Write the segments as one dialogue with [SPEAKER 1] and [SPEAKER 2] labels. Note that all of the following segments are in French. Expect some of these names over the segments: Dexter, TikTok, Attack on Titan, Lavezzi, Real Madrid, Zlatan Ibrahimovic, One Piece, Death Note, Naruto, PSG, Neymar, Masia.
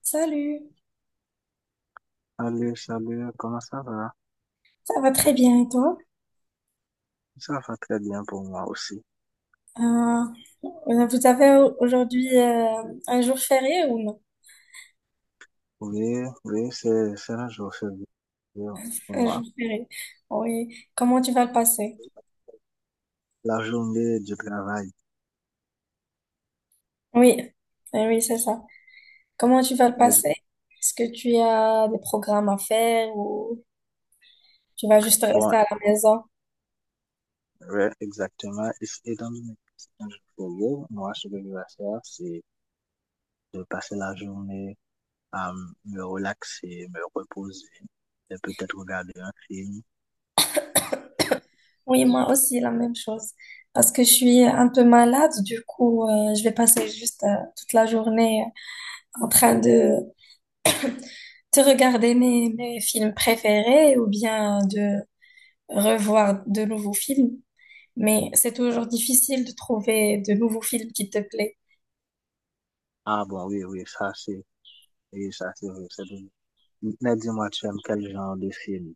[SPEAKER 1] Salut,
[SPEAKER 2] Salut, salut, comment ça va?
[SPEAKER 1] ça va très bien et toi?
[SPEAKER 2] Ça va très bien pour moi aussi.
[SPEAKER 1] Euh, vous avez aujourd'hui un jour férié ou non?
[SPEAKER 2] Oui, oui, c'est un jour férié pour
[SPEAKER 1] Un
[SPEAKER 2] moi.
[SPEAKER 1] jour férié. Oui. Comment tu vas le passer?
[SPEAKER 2] La journée du travail.
[SPEAKER 1] Oui, eh oui, c'est ça. Comment tu vas le
[SPEAKER 2] Mais
[SPEAKER 1] passer? Est-ce que tu as des programmes à faire ou tu vas juste
[SPEAKER 2] bon,
[SPEAKER 1] rester à la maison?
[SPEAKER 2] ouais, exactement. Et étant donné que c'est un jour férié, moi, ce que je vais faire, c'est de passer la journée à me relaxer, me reposer, et peut-être regarder un film.
[SPEAKER 1] Oui, moi aussi, la même chose. Parce que je suis un peu malade, du coup, je vais passer juste toute la journée en train de regarder mes films préférés ou bien revoir de nouveaux films, mais c'est toujours difficile de trouver de nouveaux films qui te plaisent.
[SPEAKER 2] Ah bon, oui, oui, oui, ça c'est vrai. C'est bon. Mais dis-moi, tu aimes quel genre de film?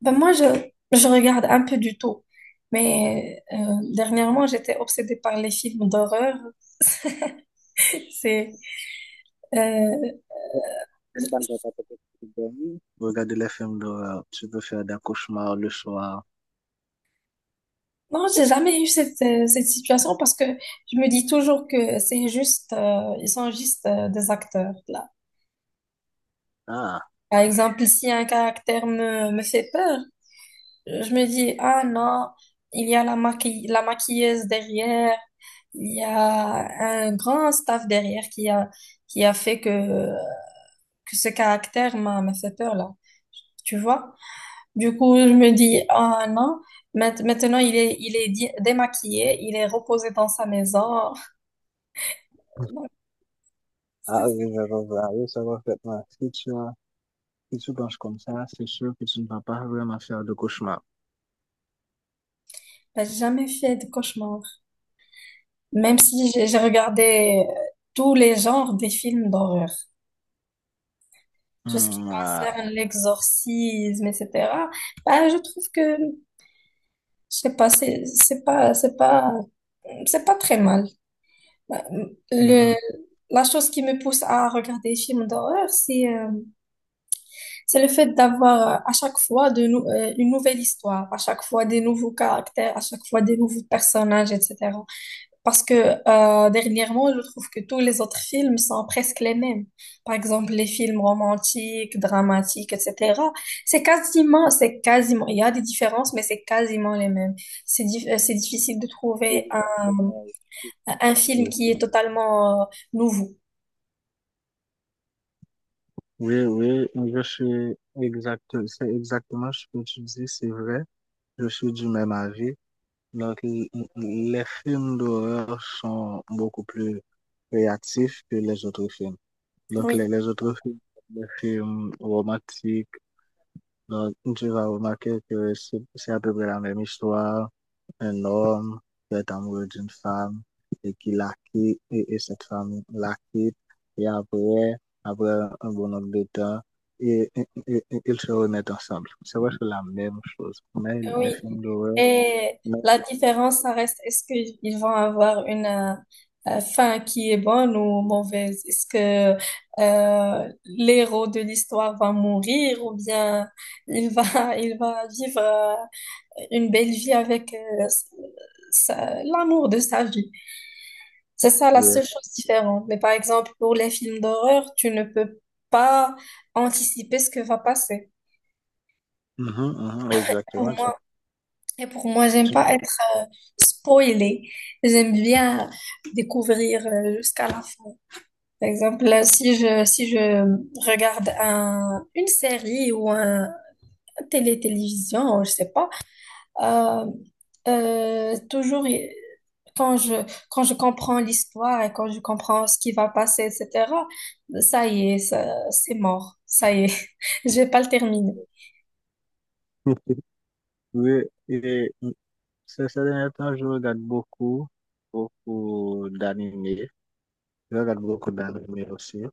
[SPEAKER 1] Ben je regarde un peu du tout, mais dernièrement, j'étais obsédée par les films d'horreur. C'est, euh,
[SPEAKER 2] J'espère que t'as pas peut-être dormi. Regarder les films d'horreur, tu peux faire des cauchemars le soir.
[SPEAKER 1] non, j'ai jamais eu cette situation parce que je me dis toujours que c'est ils sont juste des acteurs, là.
[SPEAKER 2] Ah,
[SPEAKER 1] Par exemple, si un caractère me fait peur, je me dis, ah non, il y a la maquille, la maquilleuse derrière. Il y a un grand staff derrière qui a fait que ce caractère m'a fait peur là. Tu vois? Du coup, je me dis, ah non, maintenant il est démaquillé, il est reposé dans sa maison. Donc, ça,
[SPEAKER 2] ah
[SPEAKER 1] c'est-
[SPEAKER 2] oui, je comprends. Oui, ça va parfaitement. Si tu penses comme ça, c'est sûr que tu ne vas pas vraiment faire de cauchemar.
[SPEAKER 1] J'ai jamais fait de cauchemar. Même si j'ai regardé tous les genres des films d'horreur. Tout ce qui
[SPEAKER 2] Hmm, ah.
[SPEAKER 1] concerne l'exorcisme, etc. Bah, je trouve que, je sais pas, c'est pas très mal. Bah, le,
[SPEAKER 2] Mhm.
[SPEAKER 1] la chose qui me pousse à regarder des films d'horreur, c'est le fait d'avoir à chaque fois de une nouvelle histoire, à chaque fois des nouveaux caractères, à chaque fois des nouveaux personnages, etc. Parce que dernièrement, je trouve que tous les autres films sont presque les mêmes. Par exemple, les films romantiques, dramatiques, etc. C'est quasiment, il y a des différences, mais c'est quasiment les mêmes. C'est c'est difficile de trouver
[SPEAKER 2] Exactement.
[SPEAKER 1] un film qui est totalement nouveau.
[SPEAKER 2] Oui, oui, oui, c'est exactement ce que tu dis, c'est vrai. Je suis du même avis. Donc, les films d'horreur sont beaucoup plus créatifs que les autres films. Donc,
[SPEAKER 1] Oui,
[SPEAKER 2] les autres films, les films romantiques, donc, tu vas remarquer que c'est à peu près la même histoire. Un homme qui est amoureux d'une femme et qui la quitte, et, cette femme la quitte. Et après, après un bon nombre de temps, et ils se remettent ensemble. C'est vrai que c'est la même chose. Mais les
[SPEAKER 1] oui.
[SPEAKER 2] films d'horreur,
[SPEAKER 1] Et
[SPEAKER 2] même
[SPEAKER 1] la différence, ça reste, est-ce qu'ils vont avoir une fin qui est bonne ou mauvaise? Est-ce que l'héros de l'histoire va mourir ou bien il il va vivre une belle vie avec l'amour de sa vie? C'est ça la
[SPEAKER 2] les-
[SPEAKER 1] seule chose différente. Mais par exemple, pour les films d'horreur, tu ne peux pas anticiper ce que va passer.
[SPEAKER 2] mhm, mhm, exactement.
[SPEAKER 1] Pour Et pour moi, j'aime pas être spoilée. J'aime bien découvrir jusqu'à la fin. Par exemple, là, si je regarde une série ou télé-télévision, je sais pas, euh, toujours y- quand je, quand je comprends l'histoire et quand je comprends ce qui va passer, etc., ça y est, ça- c'est mort. Ça y est, je vais pas le terminer.
[SPEAKER 2] Tu- Oui, et ces derniers temps, je regarde beaucoup, beaucoup d'animés. Je regarde beaucoup d'animés aussi. Je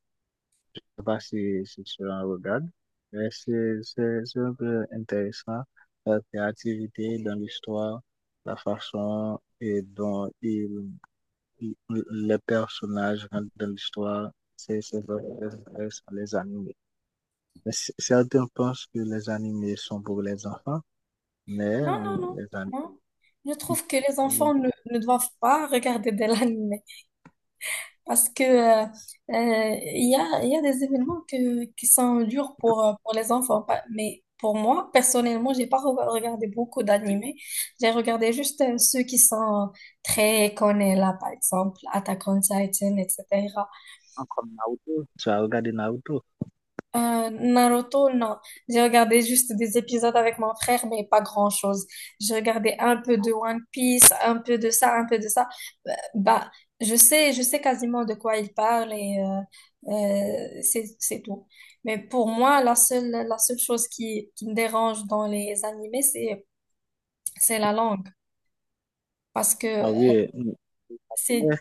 [SPEAKER 2] sais pas si, si tu en regardes, mais c'est un peu intéressant. La créativité dans l'histoire, la façon et dont il- les personnages rentrent dans l'histoire, c'est vraiment très intéressant, les animés. Mais certains pensent que les animés sont pour les enfants, mais
[SPEAKER 1] Non, non, non,
[SPEAKER 2] les
[SPEAKER 1] non. Je trouve que les
[SPEAKER 2] animés,
[SPEAKER 1] enfants ne doivent pas regarder de l'anime. Parce que il y a des événements qui sont durs pour les enfants. Mais pour moi, personnellement, j'ai pas regardé beaucoup d'animés. J'ai regardé juste ceux qui sont très connus là, par exemple, Attack on Titan, etc.
[SPEAKER 2] comme Naruto, tu as regardé Naruto.
[SPEAKER 1] Naruto, non. J'ai regardé juste des épisodes avec mon frère, mais pas grand-chose. J'ai regardé un peu de One Piece, un peu de ça, un peu de ça. Bah, je sais quasiment de quoi il parle et c'est tout. Mais pour moi, la seule chose qui me dérange dans les animés, c'est la langue. Parce que
[SPEAKER 2] Ah oui,
[SPEAKER 1] c'est,
[SPEAKER 2] euh,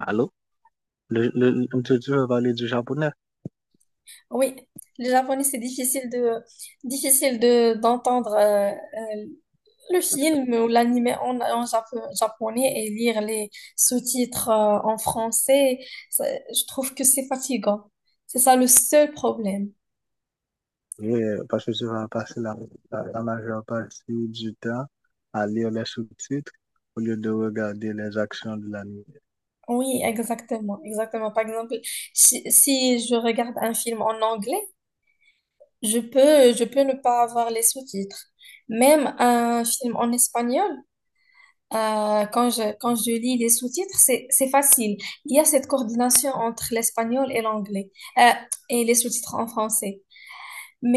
[SPEAKER 2] allô? Tu veux parler du japonais?
[SPEAKER 1] oui, le japonais, c'est difficile difficile d'entendre le film ou l'animé en japonais et lire les sous-titres en français. Ça- je trouve que c'est fatigant. C'est ça le seul problème.
[SPEAKER 2] Oui, parce que tu vas passer la majeure partie du temps à lire les sous-titres au lieu de regarder les actions de l'anime.
[SPEAKER 1] Oui, exactement, exactement. Par exemple, si je regarde un film en anglais, je peux ne pas avoir les sous-titres. Même un film en espagnol, quand je lis les sous-titres, c'est facile. Il y a cette coordination entre l'espagnol et l'anglais, euh, et les sous-titres en français.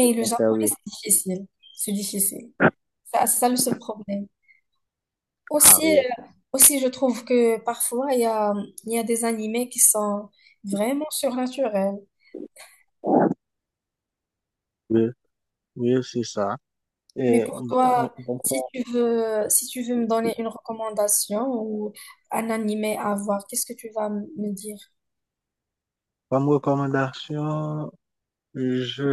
[SPEAKER 2] Le
[SPEAKER 1] le
[SPEAKER 2] français,
[SPEAKER 1] japonais,
[SPEAKER 2] oui.
[SPEAKER 1] c'est difficile. C'est difficile. Ça- C'est ça le seul problème.
[SPEAKER 2] Ah
[SPEAKER 1] Aussi,
[SPEAKER 2] oui,
[SPEAKER 1] euh, aussi, je trouve que parfois, il y a des animés qui sont vraiment surnaturels.
[SPEAKER 2] oui, oui, c'est ça.
[SPEAKER 1] Mais
[SPEAKER 2] Et
[SPEAKER 1] pour
[SPEAKER 2] bon,
[SPEAKER 1] toi,
[SPEAKER 2] bon,
[SPEAKER 1] si tu veux me donner une recommandation ou un animé à voir, qu'est-ce que tu vas me dire?
[SPEAKER 2] comme recommandation,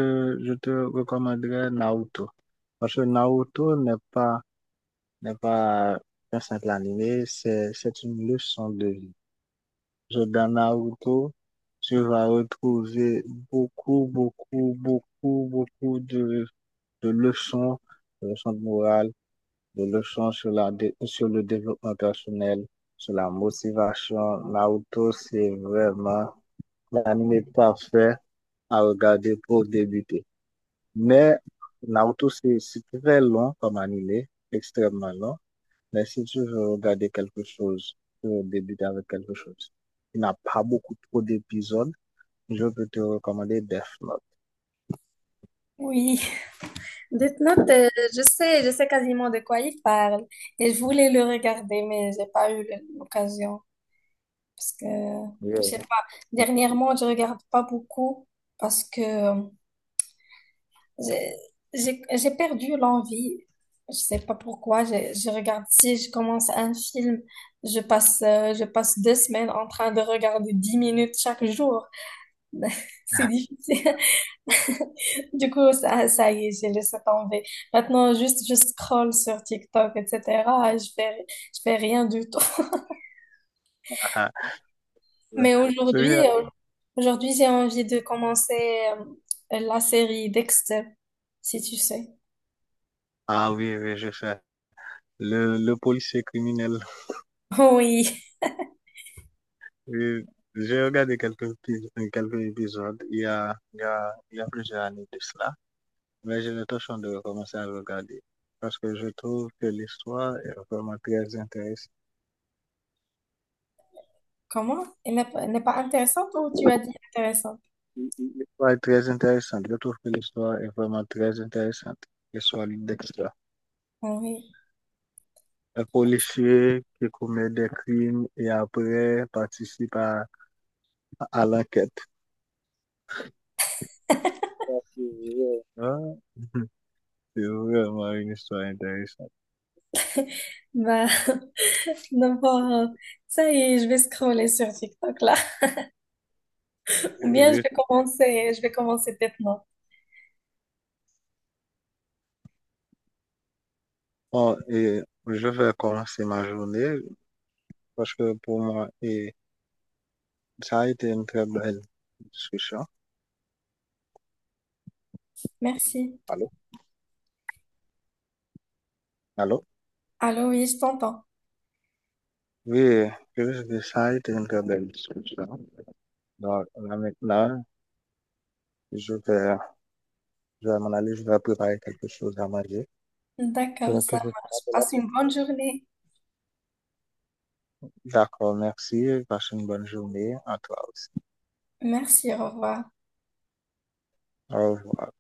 [SPEAKER 2] je te recommanderais Naruto. Parce que Naruto n'est pas, n'est pas un simple animé, c'est une leçon de vie. Dans Naruto, tu vas retrouver beaucoup, beaucoup, beaucoup, beaucoup de leçons, de leçons de morale, de leçons sur la, dé- sur le développement personnel, sur la motivation. Naruto, c'est vraiment l'anime parfait à regarder pour débuter. Mais Naruto, c'est très long comme animé, extrêmement long. Mais si tu veux regarder quelque chose, tu veux débuter avec quelque chose. Il n'a pas beaucoup trop d'épisodes. Je peux te recommander Death Note.
[SPEAKER 1] Oui, Death Note, je sais quasiment de quoi il parle. Et je voulais le regarder, mais j'ai pas eu l'occasion. Parce que, je sais
[SPEAKER 2] Oui.
[SPEAKER 1] pas, dernièrement, je regarde pas beaucoup parce que J'ai j'ai perdu l'envie. Je sais pas pourquoi. Je regarde, si je commence un film, je passe 2 semaines en train de regarder 10 minutes chaque jour. C'est difficile. Du coup, ça y est, j'ai laissé tomber. Maintenant, juste, je scrolle sur TikTok, etc. et je fais rien du tout.
[SPEAKER 2] Ah, ouais.
[SPEAKER 1] Mais
[SPEAKER 2] Celui-là.
[SPEAKER 1] aujourd'hui, j'ai envie de commencer la série Dexter, si tu sais.
[SPEAKER 2] Ah oui, oui, je sais. Le policier criminel.
[SPEAKER 1] Oui.
[SPEAKER 2] Oui, j'ai regardé quelques épisodes il y a plusieurs années de cela, mais j'ai l'intention de recommencer à le regarder parce que je trouve que l'histoire est vraiment très intéressante.
[SPEAKER 1] Comment? Elle n'est pas intéressante ou tu as dit intéressante?
[SPEAKER 2] L'histoire est très intéressante. Je trouve que l'histoire est vraiment très intéressante. L'histoire de Dexter.
[SPEAKER 1] Ah oui.
[SPEAKER 2] Un policier qui commet des crimes et après participe à I like it. Ah, c'est vraiment une histoire intéressante.
[SPEAKER 1] Bah, d'abord, ça y est, je vais scroller sur TikTok là. Ou bien
[SPEAKER 2] Oui.
[SPEAKER 1] je vais commencer maintenant.
[SPEAKER 2] Bon, et je vais commencer ma journée parce que pour moi, et ça a été une très belle discussion.
[SPEAKER 1] Merci.
[SPEAKER 2] Allô? Allô?
[SPEAKER 1] Allô, oui, je t'entends.
[SPEAKER 2] Oui, je veux dire, ça a été une très belle discussion. Donc, là, maintenant, je vais, je vais m'en aller, je vais préparer quelque chose à manger.
[SPEAKER 1] D'accord,
[SPEAKER 2] Donc,
[SPEAKER 1] ça
[SPEAKER 2] te
[SPEAKER 1] marche.
[SPEAKER 2] rappelle
[SPEAKER 1] Passe
[SPEAKER 2] après.
[SPEAKER 1] une bonne journée.
[SPEAKER 2] D'accord, merci. Passe une bonne journée à toi aussi.
[SPEAKER 1] Merci, au revoir.
[SPEAKER 2] Au revoir.